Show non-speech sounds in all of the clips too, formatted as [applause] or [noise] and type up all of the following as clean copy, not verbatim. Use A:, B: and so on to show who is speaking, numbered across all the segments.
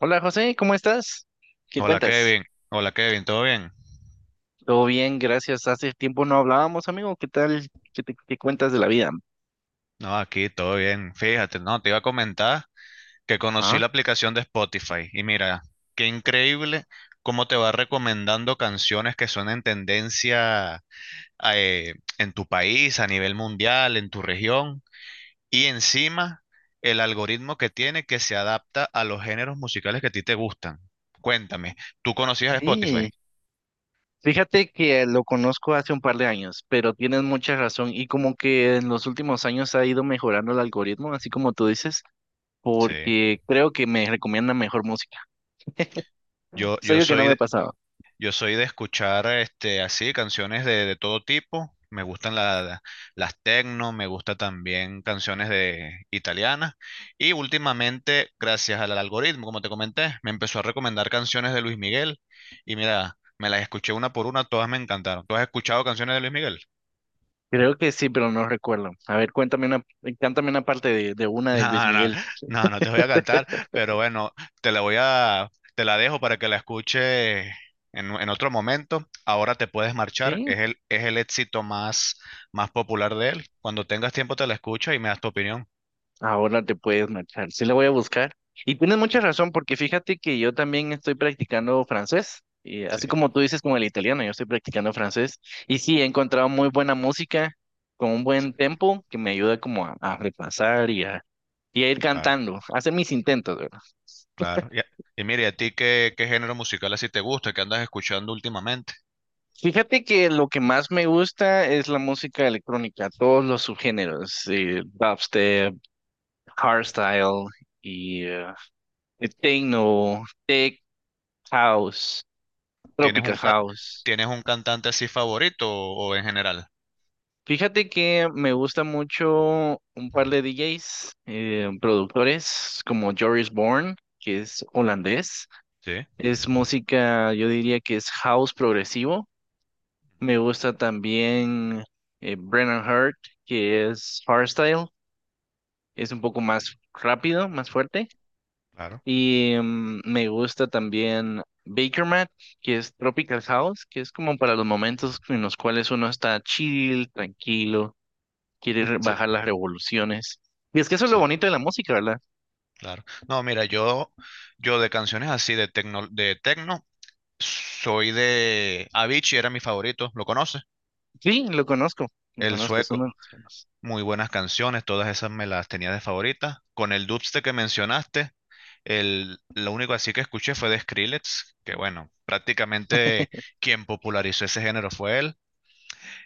A: Hola José, ¿cómo estás? ¿Qué
B: Hola
A: cuentas?
B: Kevin, ¿todo bien?
A: Todo bien, gracias. Hace tiempo no hablábamos, amigo. ¿Qué tal? ¿Qué cuentas de la vida?
B: No, aquí todo bien. Fíjate, no, te iba a comentar que conocí
A: Ah,
B: la aplicación de Spotify y mira, qué increíble cómo te va recomendando canciones que son en tendencia en tu país, a nivel mundial, en tu región y encima el algoritmo que tiene que se adapta a los géneros musicales que a ti te gustan. Cuéntame, ¿tú conocías Spotify?
A: sí. Fíjate que lo conozco hace un par de años, pero tienes mucha razón y como que en los últimos años ha ido mejorando el algoritmo, así como tú dices,
B: Sí.
A: porque creo que me recomienda mejor música.
B: Yo,
A: ¿Es
B: yo
A: algo que no me
B: soy,
A: ha pasado?
B: Yo soy de escuchar así canciones de todo tipo. Me gustan las techno. Me gusta también canciones de italianas. Y últimamente, gracias al algoritmo, como te comenté, me empezó a recomendar canciones de Luis Miguel. Y mira, me las escuché una por una, todas me encantaron. ¿Tú has escuchado canciones de Luis Miguel?
A: Creo que sí, pero no recuerdo. A ver, cuéntame una, cántame una parte de una de Luis
B: No, no,
A: Miguel.
B: no, no te voy a cantar, pero bueno, te la dejo para que la escuche en otro momento. Ahora te puedes marchar,
A: ¿Sí?
B: es el éxito más popular de él. Cuando tengas tiempo te la escuchas y me das tu opinión.
A: Ahora te puedes marchar. Sí, le voy a buscar. Y tienes mucha razón, porque fíjate que yo también estoy practicando francés. Y
B: Sí,
A: así como tú dices con el italiano, yo estoy practicando francés. Y sí, he encontrado muy buena música con un
B: sí,
A: buen tempo que me ayuda como a repasar y a ir
B: claro,
A: cantando, a hacer mis intentos, ¿verdad?
B: claro. Y mire, ¿a ti qué género musical así te gusta, qué andas escuchando últimamente?
A: Fíjate que lo que más me gusta es la música electrónica, todos los subgéneros, dubstep, hardstyle y techno, tech house.
B: ¿Tienes
A: Tropica
B: un, ca-
A: House.
B: ¿Tienes un cantante así favorito o en general?
A: Fíjate que me gusta mucho un par de DJs, productores como Joris Born, que es holandés.
B: Sí,
A: Es música, yo diría que es house progresivo. Me gusta también Brennan Hart, que es hardstyle. Es un poco más rápido, más fuerte.
B: claro,
A: Y me gusta también Baker Mat, que es Tropical House, que es como para los momentos en los cuales uno está chill, tranquilo quiere
B: sí,
A: bajar las revoluciones. Y es que eso es lo
B: sí.
A: bonito de la música, ¿verdad?
B: Claro. No, mira, yo de canciones así de tecno, soy de Avicii, era mi favorito, ¿lo conoces?
A: Sí, lo
B: El
A: conozco, es uno
B: sueco,
A: de los temas.
B: muy buenas canciones, todas esas me las tenía de favoritas. Con el dubstep que mencionaste, lo único así que escuché fue de Skrillex, que bueno, prácticamente quien popularizó ese género fue él.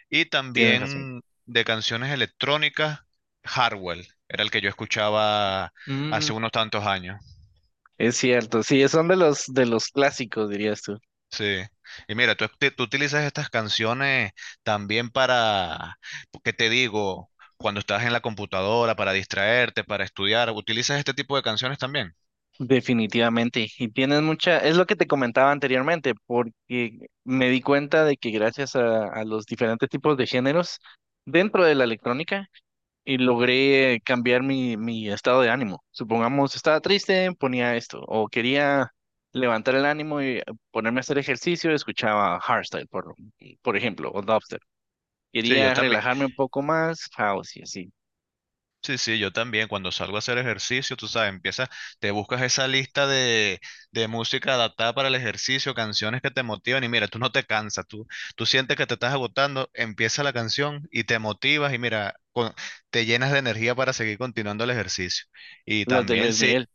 B: Y
A: Tienes razón.
B: también de canciones electrónicas, Hardwell, era el que yo escuchaba
A: Mm,
B: hace unos tantos años.
A: es cierto, sí, son de los clásicos, dirías tú.
B: Sí. Y mira, tú utilizas estas canciones también para, ¿qué te digo? Cuando estás en la computadora, para distraerte, para estudiar, ¿utilizas este tipo de canciones también?
A: Definitivamente. Y tienes mucha, es lo que te comentaba anteriormente, porque me di cuenta de que gracias a los diferentes tipos de géneros dentro de la electrónica y logré cambiar mi estado de ánimo. Supongamos, estaba triste, ponía esto, o quería levantar el ánimo y ponerme a hacer ejercicio, escuchaba hardstyle, por ejemplo, o dubstep.
B: Sí, yo
A: Quería
B: también.
A: relajarme un poco más, house y así,
B: Sí, sí, yo también. Cuando salgo a hacer ejercicio, tú sabes, empiezas, te buscas esa lista de música adaptada para el ejercicio, canciones que te motivan y mira, tú no te cansas, tú sientes que te estás agotando, empieza la canción y te motivas y mira, te llenas de energía para seguir continuando el ejercicio. Y
A: las del
B: también
A: Luis
B: sí,
A: Miguel.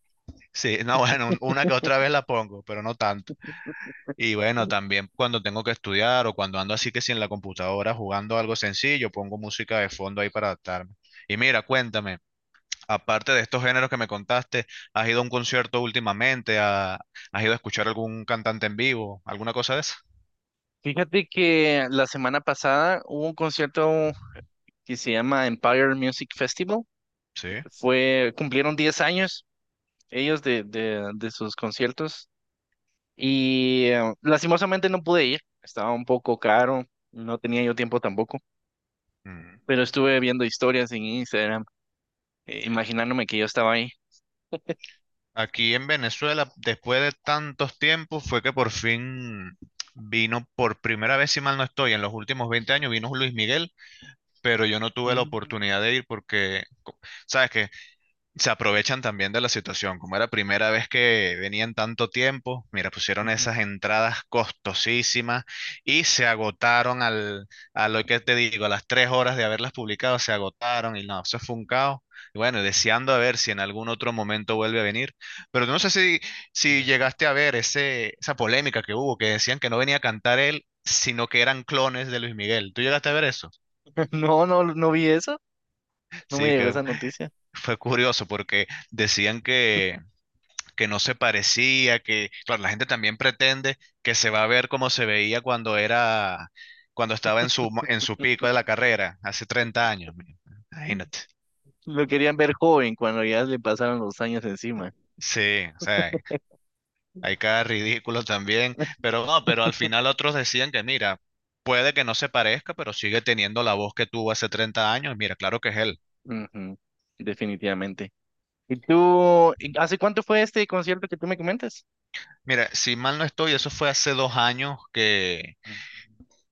B: Sí, [laughs] no, bueno, una que otra vez la pongo, pero no tanto. Y bueno, también cuando tengo que estudiar o cuando ando así que si en la computadora jugando algo sencillo, pongo música de fondo ahí para adaptarme. Y mira, cuéntame, aparte de estos géneros que me contaste, ¿has ido a un concierto últimamente? ¿Has ido a escuchar algún cantante en vivo? ¿Alguna cosa de esa?
A: Fíjate que la semana pasada hubo un concierto que se llama Empire Music Festival.
B: Sí.
A: Cumplieron 10 años ellos de sus conciertos. Y lastimosamente no pude ir, estaba un poco caro, no tenía yo tiempo tampoco,
B: Mm.
A: pero estuve viendo historias en Instagram, imaginándome que yo estaba ahí.
B: Aquí en Venezuela, después de tantos tiempos, fue que por fin vino por primera vez, si mal no estoy, en los últimos 20 años, vino Luis Miguel pero yo no tuve la
A: Mm,
B: oportunidad de ir sabes que se aprovechan también de la situación. Como era primera vez que venían tanto tiempo, mira, pusieron
A: ujú,
B: esas entradas costosísimas y se agotaron a lo que te digo, a las tres horas de haberlas publicado, se agotaron y no, eso fue un caos. Y bueno, deseando a ver si en algún otro momento vuelve a venir. Pero no sé si
A: ya.
B: llegaste a ver esa polémica que hubo, que decían que no venía a cantar él, sino que eran clones de Luis Miguel. ¿Tú llegaste a ver eso?
A: [laughs] No, no, no vi eso, no me
B: Sí,
A: llegó
B: que
A: esa noticia.
B: fue curioso porque decían que no se parecía, que, claro, la gente también pretende que se va a ver como se veía cuando era, cuando estaba en en su pico de la carrera, hace 30 años. Imagínate.
A: Lo querían ver joven cuando ya le pasaron los años encima.
B: Sí, o sea, hay cada ridículo también, pero no, pero al final otros decían que, mira, puede que no se parezca, pero sigue teniendo la voz que tuvo hace 30 años. Mira, claro que es él.
A: Ujú, definitivamente. ¿Y hace cuánto fue este concierto que tú me comentas?
B: Mira, si mal no estoy, eso fue hace dos años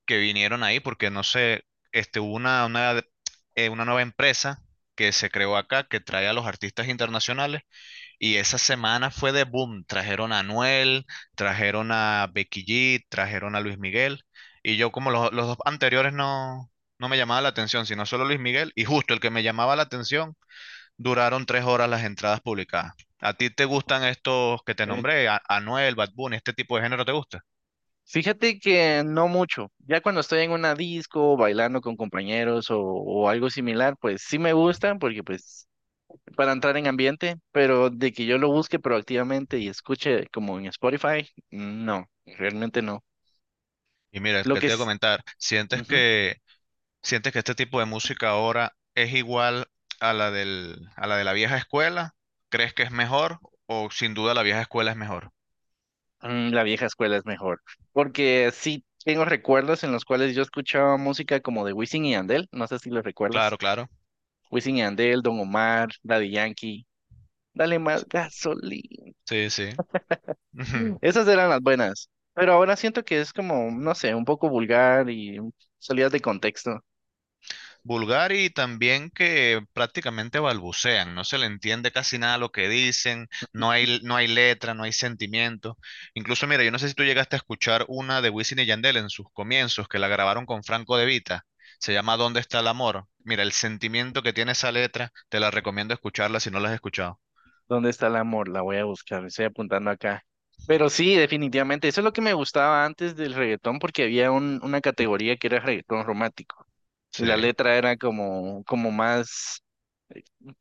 B: que vinieron ahí, porque no sé, este, hubo una nueva empresa que se creó acá, que trae a los artistas internacionales, y esa semana fue de boom. Trajeron a Anuel, trajeron a Becky G, trajeron a Luis Miguel, y yo como los dos anteriores no, no me llamaba la atención, sino solo Luis Miguel, y justo el que me llamaba la atención, duraron tres horas las entradas publicadas. ¿A ti te gustan estos que te
A: Ah,
B: nombré? ¿Anuel, Bad Bunny, este tipo de género te gusta?
A: fíjate que no mucho. Ya cuando estoy en una disco, bailando con compañeros o algo similar, pues sí me gusta porque pues para entrar en ambiente, pero de que yo lo busque proactivamente y escuche como en Spotify, no, realmente no.
B: Y mira,
A: Lo
B: que
A: que
B: te voy a
A: es,
B: comentar,
A: ujú,
B: ¿sientes que este tipo de música ahora es igual a la de la vieja escuela? ¿Crees que es mejor? ¿O sin duda la vieja escuela es mejor?
A: mm, la vieja escuela es mejor, porque sí tengo recuerdos en los cuales yo escuchaba música como de Wisin y Andel, no sé si lo recuerdas.
B: Claro, claro.
A: Wisin y Andel, Don Omar, Daddy Yankee, Dale más gasolina.
B: Sí, sí. [laughs]
A: Esas eran las buenas, pero ahora siento que es como, no sé, un poco vulgar y salidas de contexto.
B: Vulgar y también que prácticamente balbucean, no se le entiende casi nada lo que dicen, no hay, no hay letra, no hay sentimiento. Incluso, mira, yo no sé si tú llegaste a escuchar una de Wisin y Yandel en sus comienzos, que la grabaron con Franco De Vita, se llama ¿Dónde está el amor? Mira, el sentimiento que tiene esa letra, te la recomiendo escucharla si no la has escuchado.
A: ¿Dónde está el amor? La voy a buscar, estoy apuntando acá. Pero sí, definitivamente, eso es lo que me gustaba antes del reggaetón porque había una categoría que era reggaetón romántico y
B: Sí.
A: la letra era como, más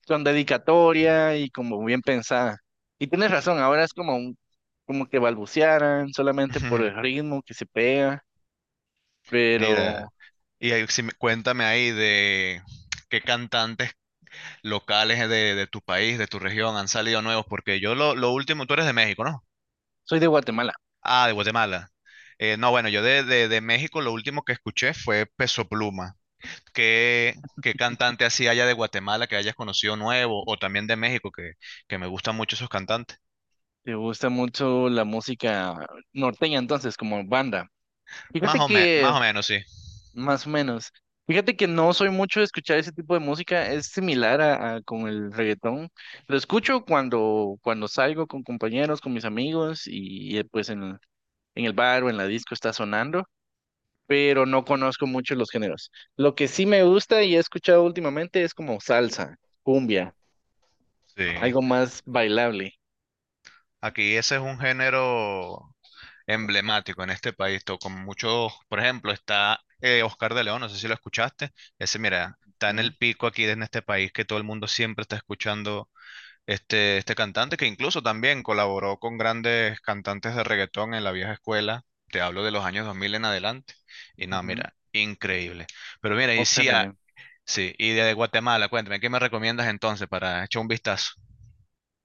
A: con dedicatoria y como bien pensada. Y tienes razón, ahora es como, como que balbucearan solamente por el
B: [laughs]
A: ritmo que se pega, pero
B: Mira, y ahí sí cuéntame ahí de qué cantantes locales de tu país, de tu región, ¿han salido nuevos? Porque yo lo último, tú eres de México, ¿no?
A: soy de Guatemala.
B: Ah, de Guatemala. No, bueno, yo de México lo último que escuché fue Peso Pluma. ¿Qué, ¿Qué cantante así haya de Guatemala que hayas conocido nuevo o también de México que me gustan mucho esos cantantes?
A: Te gusta mucho la música norteña, entonces, como banda.
B: Más
A: Fíjate que,
B: más o menos, sí.
A: más o menos, fíjate que no soy mucho de escuchar ese tipo de música, es similar a con el reggaetón. Lo escucho cuando salgo con compañeros, con mis amigos y, pues en el bar o en la disco está sonando, pero no conozco mucho los géneros. Lo que sí me gusta y he escuchado últimamente es como salsa, cumbia,
B: Sí.
A: algo más bailable.
B: Aquí ese es un género emblemático en este país, con muchos, por ejemplo, está Oscar de León, no sé si lo escuchaste, ese mira, está en
A: Ujú,
B: el pico aquí en este país que todo el mundo siempre está escuchando este cantante que incluso también colaboró con grandes cantantes de reggaetón en la vieja escuela, te hablo de los años 2000 en adelante, y no,
A: ujú.
B: mira, increíble. Pero mira, y
A: Oscar
B: sí,
A: de
B: ah,
A: León.
B: sí, y de Guatemala, cuéntame, ¿qué me recomiendas entonces para echar un vistazo?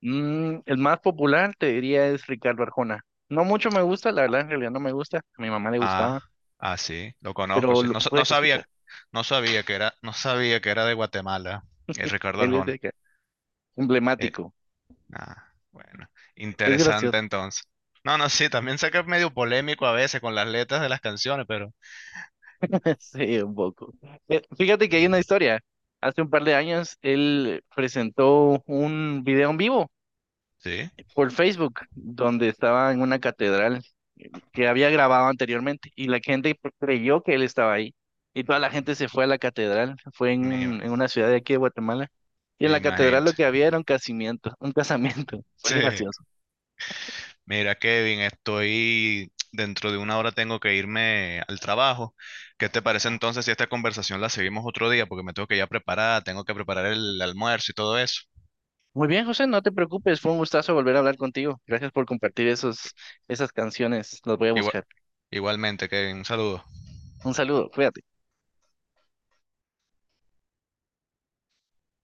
A: El más popular, te diría, es Ricardo Arjona. No mucho me gusta, la verdad, en realidad no me gusta. A mi mamá le
B: Ah,
A: gustaba,
B: ah, sí, lo conozco,
A: pero
B: sí.
A: lo
B: No, no
A: puedes
B: sabía,
A: escuchar.
B: no sabía que era, no sabía que era de Guatemala, Ricardo
A: Él es de
B: Arjona.
A: acá,
B: Eh,
A: emblemático.
B: bueno,
A: Es
B: interesante
A: gracioso.
B: entonces. No, no, sí, también sé que es medio polémico a veces con las letras de las canciones, pero
A: [laughs] Sí, un poco. Fíjate que hay una historia. Hace un par de años, él presentó un video en vivo
B: sí.
A: por Facebook, donde estaba en una catedral que había grabado anteriormente, y la gente creyó que él estaba ahí. Y toda la
B: Mm,
A: gente se fue a la catedral. Fue
B: Me, ima-
A: en una ciudad de aquí de Guatemala. Y en
B: me
A: la
B: imagino.
A: catedral lo que había era un casamiento, un casamiento. [laughs] Soy
B: Sí.
A: gracioso.
B: Mira, Kevin, estoy dentro de una hora tengo que irme al trabajo. ¿Qué te parece
A: Ya.
B: entonces si esta conversación la seguimos otro día? Porque me tengo que ya preparar, tengo que preparar el almuerzo y todo eso.
A: Muy bien, José, no te preocupes, fue un gustazo volver a hablar contigo. Gracias por compartir esas canciones, las voy a
B: Igua-
A: buscar.
B: Igualmente, Kevin, un saludo.
A: Un saludo, cuídate.